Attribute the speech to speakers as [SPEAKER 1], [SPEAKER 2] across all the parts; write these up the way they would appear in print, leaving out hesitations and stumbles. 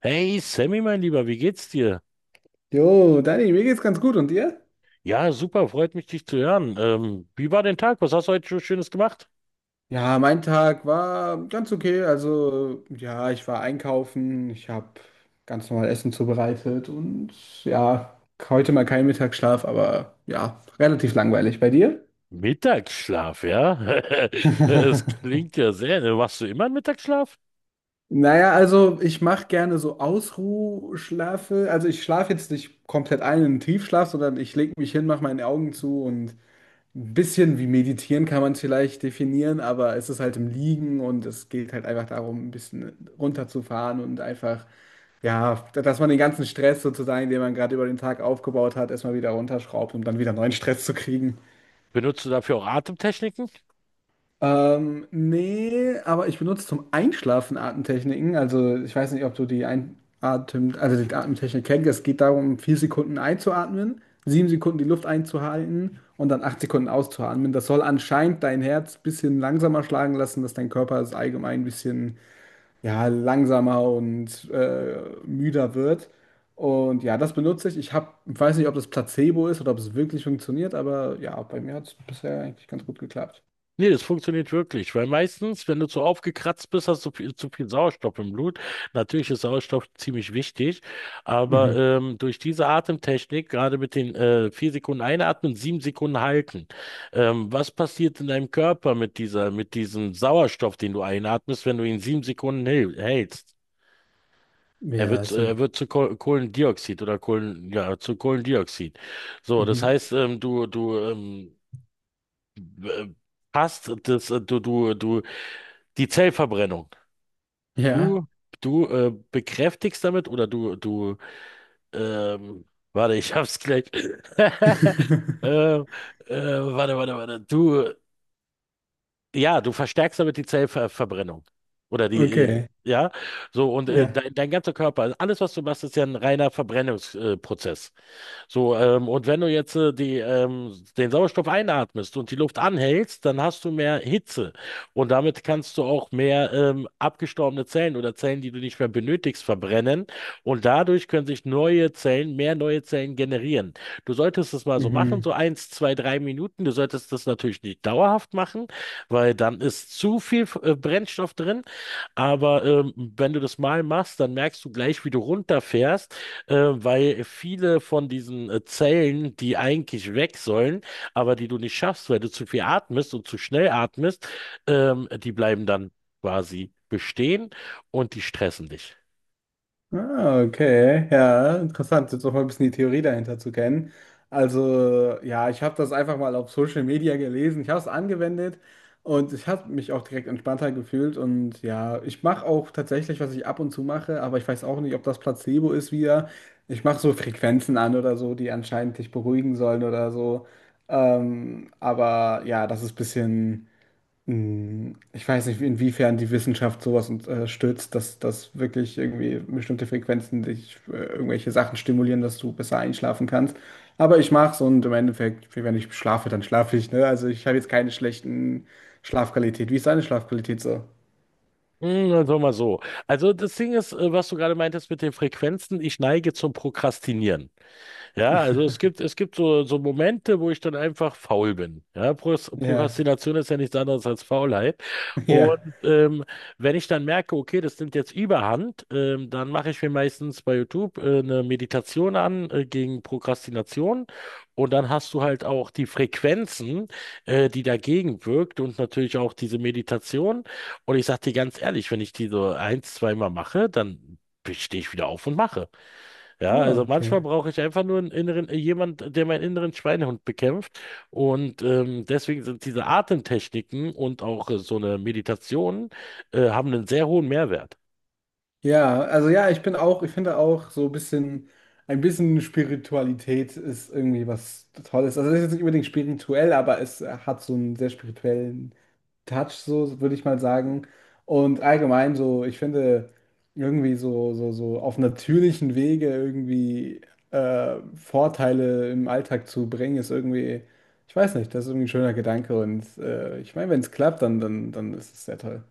[SPEAKER 1] Hey Sammy, mein Lieber, wie geht's dir?
[SPEAKER 2] Jo, Dani, mir geht's ganz gut und dir?
[SPEAKER 1] Ja, super, freut mich, dich zu hören. Wie war dein Tag? Was hast du heute so Schönes gemacht?
[SPEAKER 2] Ja, mein Tag war ganz okay. Also, ja, ich war einkaufen, ich habe ganz normal Essen zubereitet und ja, heute mal keinen Mittagsschlaf, aber ja, relativ langweilig. Bei dir?
[SPEAKER 1] Mittagsschlaf, ja? Es klingt ja sehr, ne? Machst du immer einen Mittagsschlaf?
[SPEAKER 2] Naja, also ich mache gerne so Ausruhschlafe. Also ich schlafe jetzt nicht komplett ein in den Tiefschlaf, sondern ich lege mich hin, mache meine Augen zu und ein bisschen wie meditieren kann man es vielleicht definieren, aber es ist halt im Liegen und es geht halt einfach darum, ein bisschen runterzufahren und einfach, ja, dass man den ganzen Stress sozusagen, den man gerade über den Tag aufgebaut hat, erstmal wieder runterschraubt, um dann wieder neuen Stress zu kriegen.
[SPEAKER 1] Benutzt du dafür auch Atemtechniken?
[SPEAKER 2] Nee, aber ich benutze zum Einschlafen Atemtechniken. Also ich weiß nicht, ob du die Einatem, also die Atemtechnik kennst. Es geht darum, 4 Sekunden einzuatmen, 7 Sekunden die Luft einzuhalten und dann 8 Sekunden auszuatmen. Das soll anscheinend dein Herz ein bisschen langsamer schlagen lassen, dass dein Körper es allgemein ein bisschen ja, langsamer und müder wird. Und ja, das benutze ich. Ich hab, weiß nicht, ob das Placebo ist oder ob es wirklich funktioniert, aber ja, bei mir hat es bisher eigentlich ganz gut geklappt.
[SPEAKER 1] Nee, das funktioniert wirklich, weil meistens, wenn du zu aufgekratzt bist, hast du viel, zu viel Sauerstoff im Blut. Natürlich ist Sauerstoff ziemlich wichtig, aber
[SPEAKER 2] Mhm.
[SPEAKER 1] durch diese Atemtechnik, gerade mit den 4 Sekunden einatmen, 7 Sekunden halten, was passiert in deinem Körper mit dieser, mit diesem Sauerstoff, den du einatmest, wenn du ihn 7 Sekunden hältst? Er
[SPEAKER 2] Ja,
[SPEAKER 1] wird, äh,
[SPEAKER 2] so.
[SPEAKER 1] er wird zu Kohlendioxid oder ja, zu Kohlendioxid. So, das
[SPEAKER 2] Mhm.
[SPEAKER 1] heißt, du b- passt das, du die Zellverbrennung.
[SPEAKER 2] Ja.
[SPEAKER 1] Du, du bekräftigst damit oder du, ähm, warte, ich hab's gleich. ähm, warte, warte, warte. Du, ja, du verstärkst damit die Zellverbrennung. Oder die,
[SPEAKER 2] Okay.
[SPEAKER 1] ja, so und
[SPEAKER 2] Ja.
[SPEAKER 1] dein ganzer Körper, also alles, was du machst, ist ja ein reiner Verbrennungsprozess. Prozess. So, und wenn du jetzt den Sauerstoff einatmest und die Luft anhältst, dann hast du mehr Hitze. Und damit kannst du auch mehr abgestorbene Zellen oder Zellen, die du nicht mehr benötigst, verbrennen. Und dadurch können sich neue Zellen, mehr neue Zellen generieren. Du solltest es mal so machen, so
[SPEAKER 2] Mhm.
[SPEAKER 1] 1, 2, 3 Minuten. Du solltest das natürlich nicht dauerhaft machen, weil dann ist zu viel Brennstoff drin. Aber wenn du das mal machst, dann merkst du gleich, wie du runterfährst, weil viele von diesen Zellen, die eigentlich weg sollen, aber die du nicht schaffst, weil du zu viel atmest und zu schnell atmest, die bleiben dann quasi bestehen und die stressen dich.
[SPEAKER 2] Ah, okay. Ja, interessant, jetzt auch mal ein bisschen die Theorie dahinter zu kennen. Also, ja, ich habe das einfach mal auf Social Media gelesen. Ich habe es angewendet und ich habe mich auch direkt entspannter gefühlt. Und ja, ich mache auch tatsächlich, was ich ab und zu mache, aber ich weiß auch nicht, ob das Placebo ist wieder. Ich mache so Frequenzen an oder so, die anscheinend dich beruhigen sollen oder so. Aber ja, das ist ein bisschen. Ich weiß nicht, inwiefern die Wissenschaft sowas unterstützt, dass wirklich irgendwie bestimmte Frequenzen dich irgendwelche Sachen stimulieren, dass du besser einschlafen kannst. Aber ich mache es und im Endeffekt, wenn ich schlafe, dann schlafe ich, ne? Also ich habe jetzt keine schlechten Schlafqualität. Wie ist deine Schlafqualität so?
[SPEAKER 1] Also mal so. Also das Ding ist, was du gerade meintest mit den Frequenzen, ich neige zum Prokrastinieren. Ja, also es gibt so, so Momente, wo ich dann einfach faul bin. Ja,
[SPEAKER 2] Ja,
[SPEAKER 1] Prokrastination ist ja nichts anderes als Faulheit.
[SPEAKER 2] ja.
[SPEAKER 1] Und wenn ich dann merke, okay, das nimmt jetzt Überhand, dann mache ich mir meistens bei YouTube eine Meditation an gegen Prokrastination. Und dann hast du halt auch die Frequenzen, die dagegen wirkt und natürlich auch diese Meditation. Und ich sag dir ganz ehrlich, wenn ich die so ein, zweimal mache, dann stehe ich wieder auf und mache. Ja,
[SPEAKER 2] Oh,
[SPEAKER 1] also manchmal
[SPEAKER 2] okay.
[SPEAKER 1] brauche ich einfach nur einen inneren, jemand, der meinen inneren Schweinehund bekämpft. Und deswegen sind diese Atemtechniken und auch so eine Meditation haben einen sehr hohen Mehrwert.
[SPEAKER 2] Ja, also ja, ich bin auch, ich finde auch so ein bisschen Spiritualität ist irgendwie was Tolles. Also es ist jetzt nicht unbedingt spirituell, aber es hat so einen sehr spirituellen Touch, so würde ich mal sagen. Und allgemein so, ich finde, irgendwie so auf natürlichen Wege irgendwie Vorteile im Alltag zu bringen, ist irgendwie, ich weiß nicht, das ist irgendwie ein schöner Gedanke. Und ich meine, wenn es klappt, dann ist es sehr toll.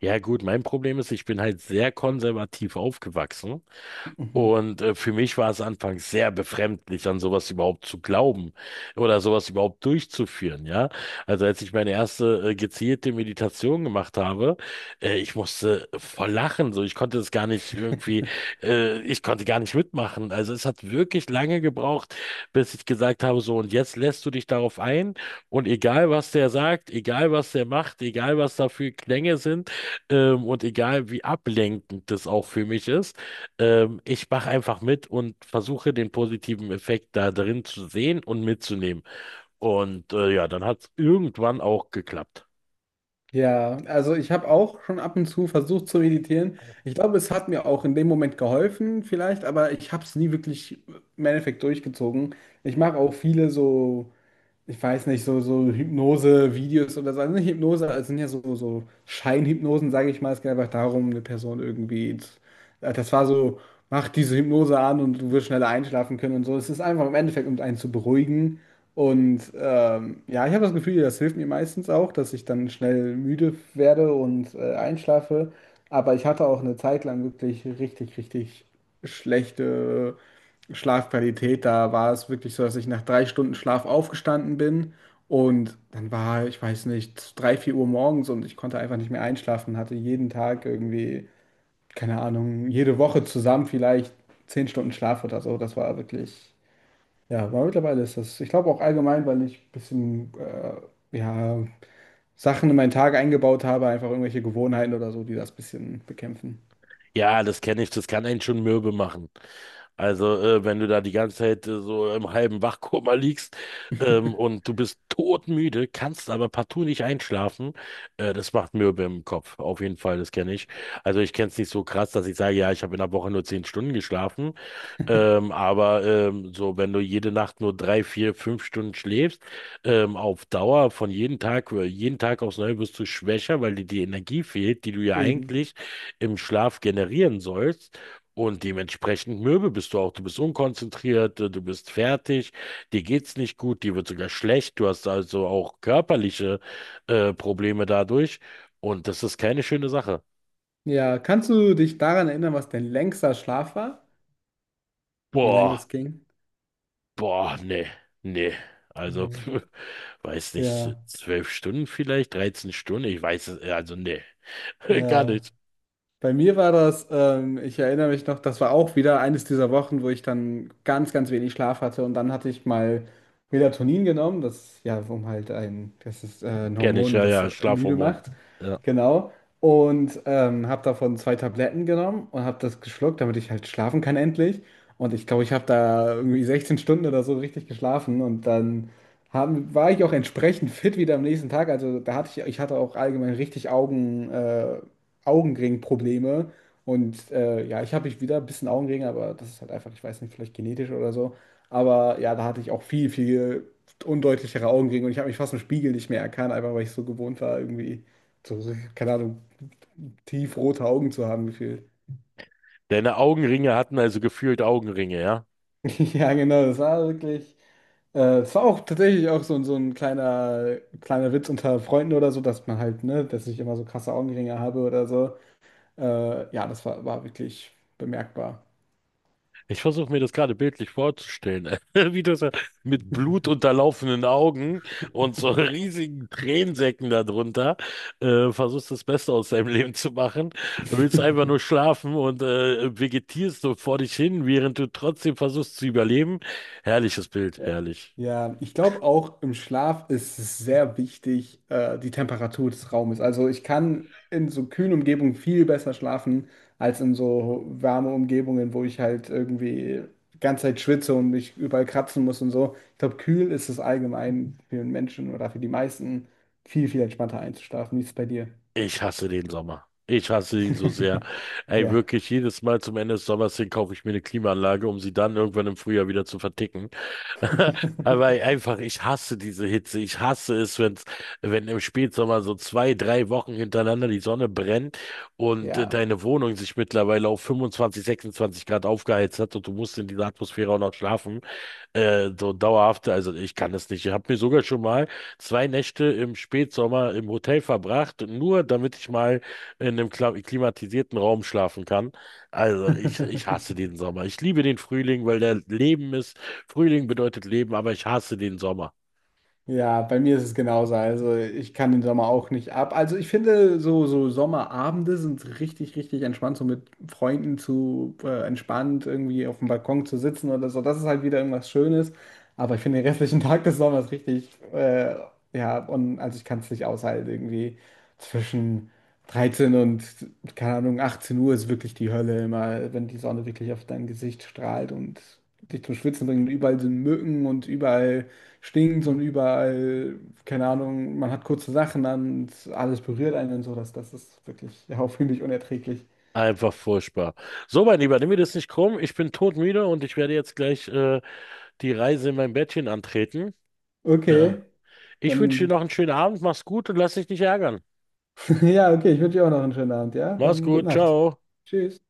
[SPEAKER 1] Ja gut, mein Problem ist, ich bin halt sehr konservativ aufgewachsen.
[SPEAKER 2] Mhm.
[SPEAKER 1] Und für mich war es anfangs sehr befremdlich, an sowas überhaupt zu glauben oder sowas überhaupt durchzuführen, ja. Also als ich meine erste gezielte Meditation gemacht habe, ich musste voll lachen, so ich konnte es gar nicht irgendwie, ich konnte gar nicht mitmachen. Also es hat wirklich lange gebraucht, bis ich gesagt habe, so und jetzt lässt du dich darauf ein und egal was der sagt, egal was der macht, egal was da für Klänge sind, und egal wie ablenkend das auch für mich ist, ich mache einfach mit und versuche den positiven Effekt da drin zu sehen und mitzunehmen. Und ja, dann hat es irgendwann auch geklappt.
[SPEAKER 2] Ja, also ich habe auch schon ab und zu versucht zu meditieren. Ich glaube, es hat mir auch in dem Moment geholfen, vielleicht, aber ich habe es nie wirklich im Endeffekt durchgezogen. Ich mache auch viele so, ich weiß nicht, so Hypnose-Videos oder so. Also nicht Hypnose, also sind ja so Scheinhypnosen, sage ich mal. Es geht einfach darum, eine Person irgendwie. Das war so, mach diese Hypnose an und du wirst schneller einschlafen können und so. Es ist einfach im Endeffekt, um einen zu beruhigen. Und ja, ich habe das Gefühl, das hilft mir meistens auch, dass ich dann schnell müde werde und einschlafe. Aber ich hatte auch eine Zeit lang wirklich richtig, richtig schlechte Schlafqualität, da war es wirklich so, dass ich nach 3 Stunden Schlaf aufgestanden bin und dann war, ich weiß nicht, drei, vier Uhr morgens und ich konnte einfach nicht mehr einschlafen, hatte jeden Tag irgendwie, keine Ahnung, jede Woche zusammen vielleicht 10 Stunden Schlaf oder so. Das war wirklich, ja, aber mittlerweile ist das, ich glaube auch allgemein, weil ich ein bisschen, ja, Sachen in meinen Tag eingebaut habe, einfach irgendwelche Gewohnheiten oder so, die das ein bisschen bekämpfen.
[SPEAKER 1] Ja, das kenne ich, das kann einen schon mürbe machen. Also, wenn du da die ganze Zeit so im halben Wachkoma liegst, und du bist todmüde, kannst aber partout nicht einschlafen, das macht mürbe im Kopf. Auf jeden Fall, das kenne ich. Also, ich kenne es nicht so krass, dass ich sage, ja, ich habe in der Woche nur 10 Stunden geschlafen. So, wenn du jede Nacht nur 3, 4, 5 Stunden schläfst, auf Dauer von jedem Tag, jeden Tag aufs Neue wirst du schwächer, weil dir die Energie fehlt, die du ja
[SPEAKER 2] Eben.
[SPEAKER 1] eigentlich im Schlaf generieren sollst. Und dementsprechend mürbe bist du auch. Du bist unkonzentriert, du bist fertig, dir geht's nicht gut, dir wird sogar schlecht. Du hast also auch körperliche Probleme dadurch. Und das ist keine schöne Sache.
[SPEAKER 2] Ja, kannst du dich daran erinnern, was dein längster Schlaf war, wie lange
[SPEAKER 1] Boah.
[SPEAKER 2] das ging?
[SPEAKER 1] Boah, nee, nee. Also,
[SPEAKER 2] Hm.
[SPEAKER 1] weiß nicht,
[SPEAKER 2] Ja,
[SPEAKER 1] 12 Stunden vielleicht, 13 Stunden, ich weiß es, also nee. Gar
[SPEAKER 2] ja.
[SPEAKER 1] nicht.
[SPEAKER 2] Bei mir war das, ich erinnere mich noch, das war auch wieder eines dieser Wochen, wo ich dann ganz, ganz wenig Schlaf hatte und dann hatte ich mal Melatonin genommen, das ja, um halt ein, das ist ein
[SPEAKER 1] Kenn ich,
[SPEAKER 2] Hormon,
[SPEAKER 1] ja,
[SPEAKER 2] das
[SPEAKER 1] ja,
[SPEAKER 2] müde
[SPEAKER 1] Schlafhormon.
[SPEAKER 2] macht,
[SPEAKER 1] Ja.
[SPEAKER 2] genau. Und habe davon zwei Tabletten genommen und habe das geschluckt, damit ich halt schlafen kann endlich. Und ich glaube, ich habe da irgendwie 16 Stunden oder so richtig geschlafen und dann war ich auch entsprechend fit wieder am nächsten Tag. Also da hatte ich, ich hatte auch allgemein richtig Augenringprobleme. Und ja, ich habe ich wieder ein bisschen Augenringe, aber das ist halt einfach, ich weiß nicht, vielleicht genetisch oder so. Aber ja, da hatte ich auch viel, viel undeutlichere Augenringe und ich habe mich fast im Spiegel nicht mehr erkannt, einfach weil ich so gewohnt war, irgendwie so, keine Ahnung, tiefrote Augen zu haben gefühlt.
[SPEAKER 1] Deine Augenringe hatten also gefühlt Augenringe, ja?
[SPEAKER 2] Ja, genau, das war wirklich. Es war auch tatsächlich auch so, so ein kleiner, kleiner Witz unter Freunden oder so, dass man halt, ne, dass ich immer so krasse Augenringe habe oder so. Ja, das war, wirklich bemerkbar.
[SPEAKER 1] Ich versuche mir das gerade bildlich vorzustellen, wie du so mit Blut Augen und so riesigen Tränensäcken darunter versuchst das Beste aus deinem Leben zu machen, willst einfach nur schlafen und vegetierst so vor dich hin, während du trotzdem versuchst zu überleben. Herrliches Bild,
[SPEAKER 2] Ja.
[SPEAKER 1] herrlich.
[SPEAKER 2] Ja, ich glaube auch im Schlaf ist es sehr wichtig, die Temperatur des Raumes. Also ich kann in so kühlen Umgebungen viel besser schlafen als in so warme Umgebungen, wo ich halt irgendwie die ganze Zeit schwitze und mich überall kratzen muss und so. Ich glaube, kühl ist es allgemein für den Menschen oder für die meisten viel, viel entspannter einzuschlafen. Wie ist es bei dir?
[SPEAKER 1] Ich hasse den Sommer. Ich hasse ihn so sehr. Ey,
[SPEAKER 2] Ja.
[SPEAKER 1] wirklich, jedes Mal zum Ende des Sommers hin kaufe ich mir eine Klimaanlage, um sie dann irgendwann im Frühjahr wieder zu verticken. Aber ey, einfach, ich hasse diese Hitze. Ich hasse es, wenn im Spätsommer so 2, 3 Wochen hintereinander die Sonne brennt und
[SPEAKER 2] Ja.
[SPEAKER 1] deine Wohnung sich mittlerweile auf 25, 26 Grad aufgeheizt hat und du musst in dieser Atmosphäre auch noch schlafen. Also ich kann es nicht. Ich habe mir sogar schon mal 2 Nächte im Spätsommer im Hotel verbracht, nur damit ich mal in einem klimatisierten Raum schlafen kann. Also ich hasse den Sommer. Ich liebe den Frühling, weil der Leben ist. Frühling bedeutet Leben, aber ich hasse den Sommer.
[SPEAKER 2] Ja, bei mir ist es genauso. Also ich kann den Sommer auch nicht ab. Also ich finde, so Sommerabende sind richtig, richtig entspannt, so mit Freunden zu entspannt irgendwie auf dem Balkon zu sitzen oder so. Das ist halt wieder irgendwas Schönes. Aber ich finde den restlichen Tag des Sommers richtig, ja, und also ich kann es nicht aushalten. Irgendwie zwischen 13 und, keine Ahnung, 18 Uhr ist wirklich die Hölle immer, wenn die Sonne wirklich auf dein Gesicht strahlt und dich zum Schwitzen bringt. Und überall sind Mücken und überall stinkt und überall, keine Ahnung, man hat kurze Sachen an und alles berührt einen und so. Das ist wirklich, ja, finde ich unerträglich.
[SPEAKER 1] Einfach furchtbar. So, mein Lieber, nimm mir das nicht krumm. Ich bin todmüde und ich werde jetzt gleich die Reise in mein Bettchen antreten. Ja.
[SPEAKER 2] Okay,
[SPEAKER 1] Ich wünsche dir
[SPEAKER 2] dann,
[SPEAKER 1] noch einen schönen Abend. Mach's gut und lass dich nicht ärgern.
[SPEAKER 2] ja, okay, ich wünsche dir auch noch einen schönen Abend, ja?
[SPEAKER 1] Mach's
[SPEAKER 2] Dann gute
[SPEAKER 1] gut.
[SPEAKER 2] Nacht.
[SPEAKER 1] Ciao.
[SPEAKER 2] Tschüss.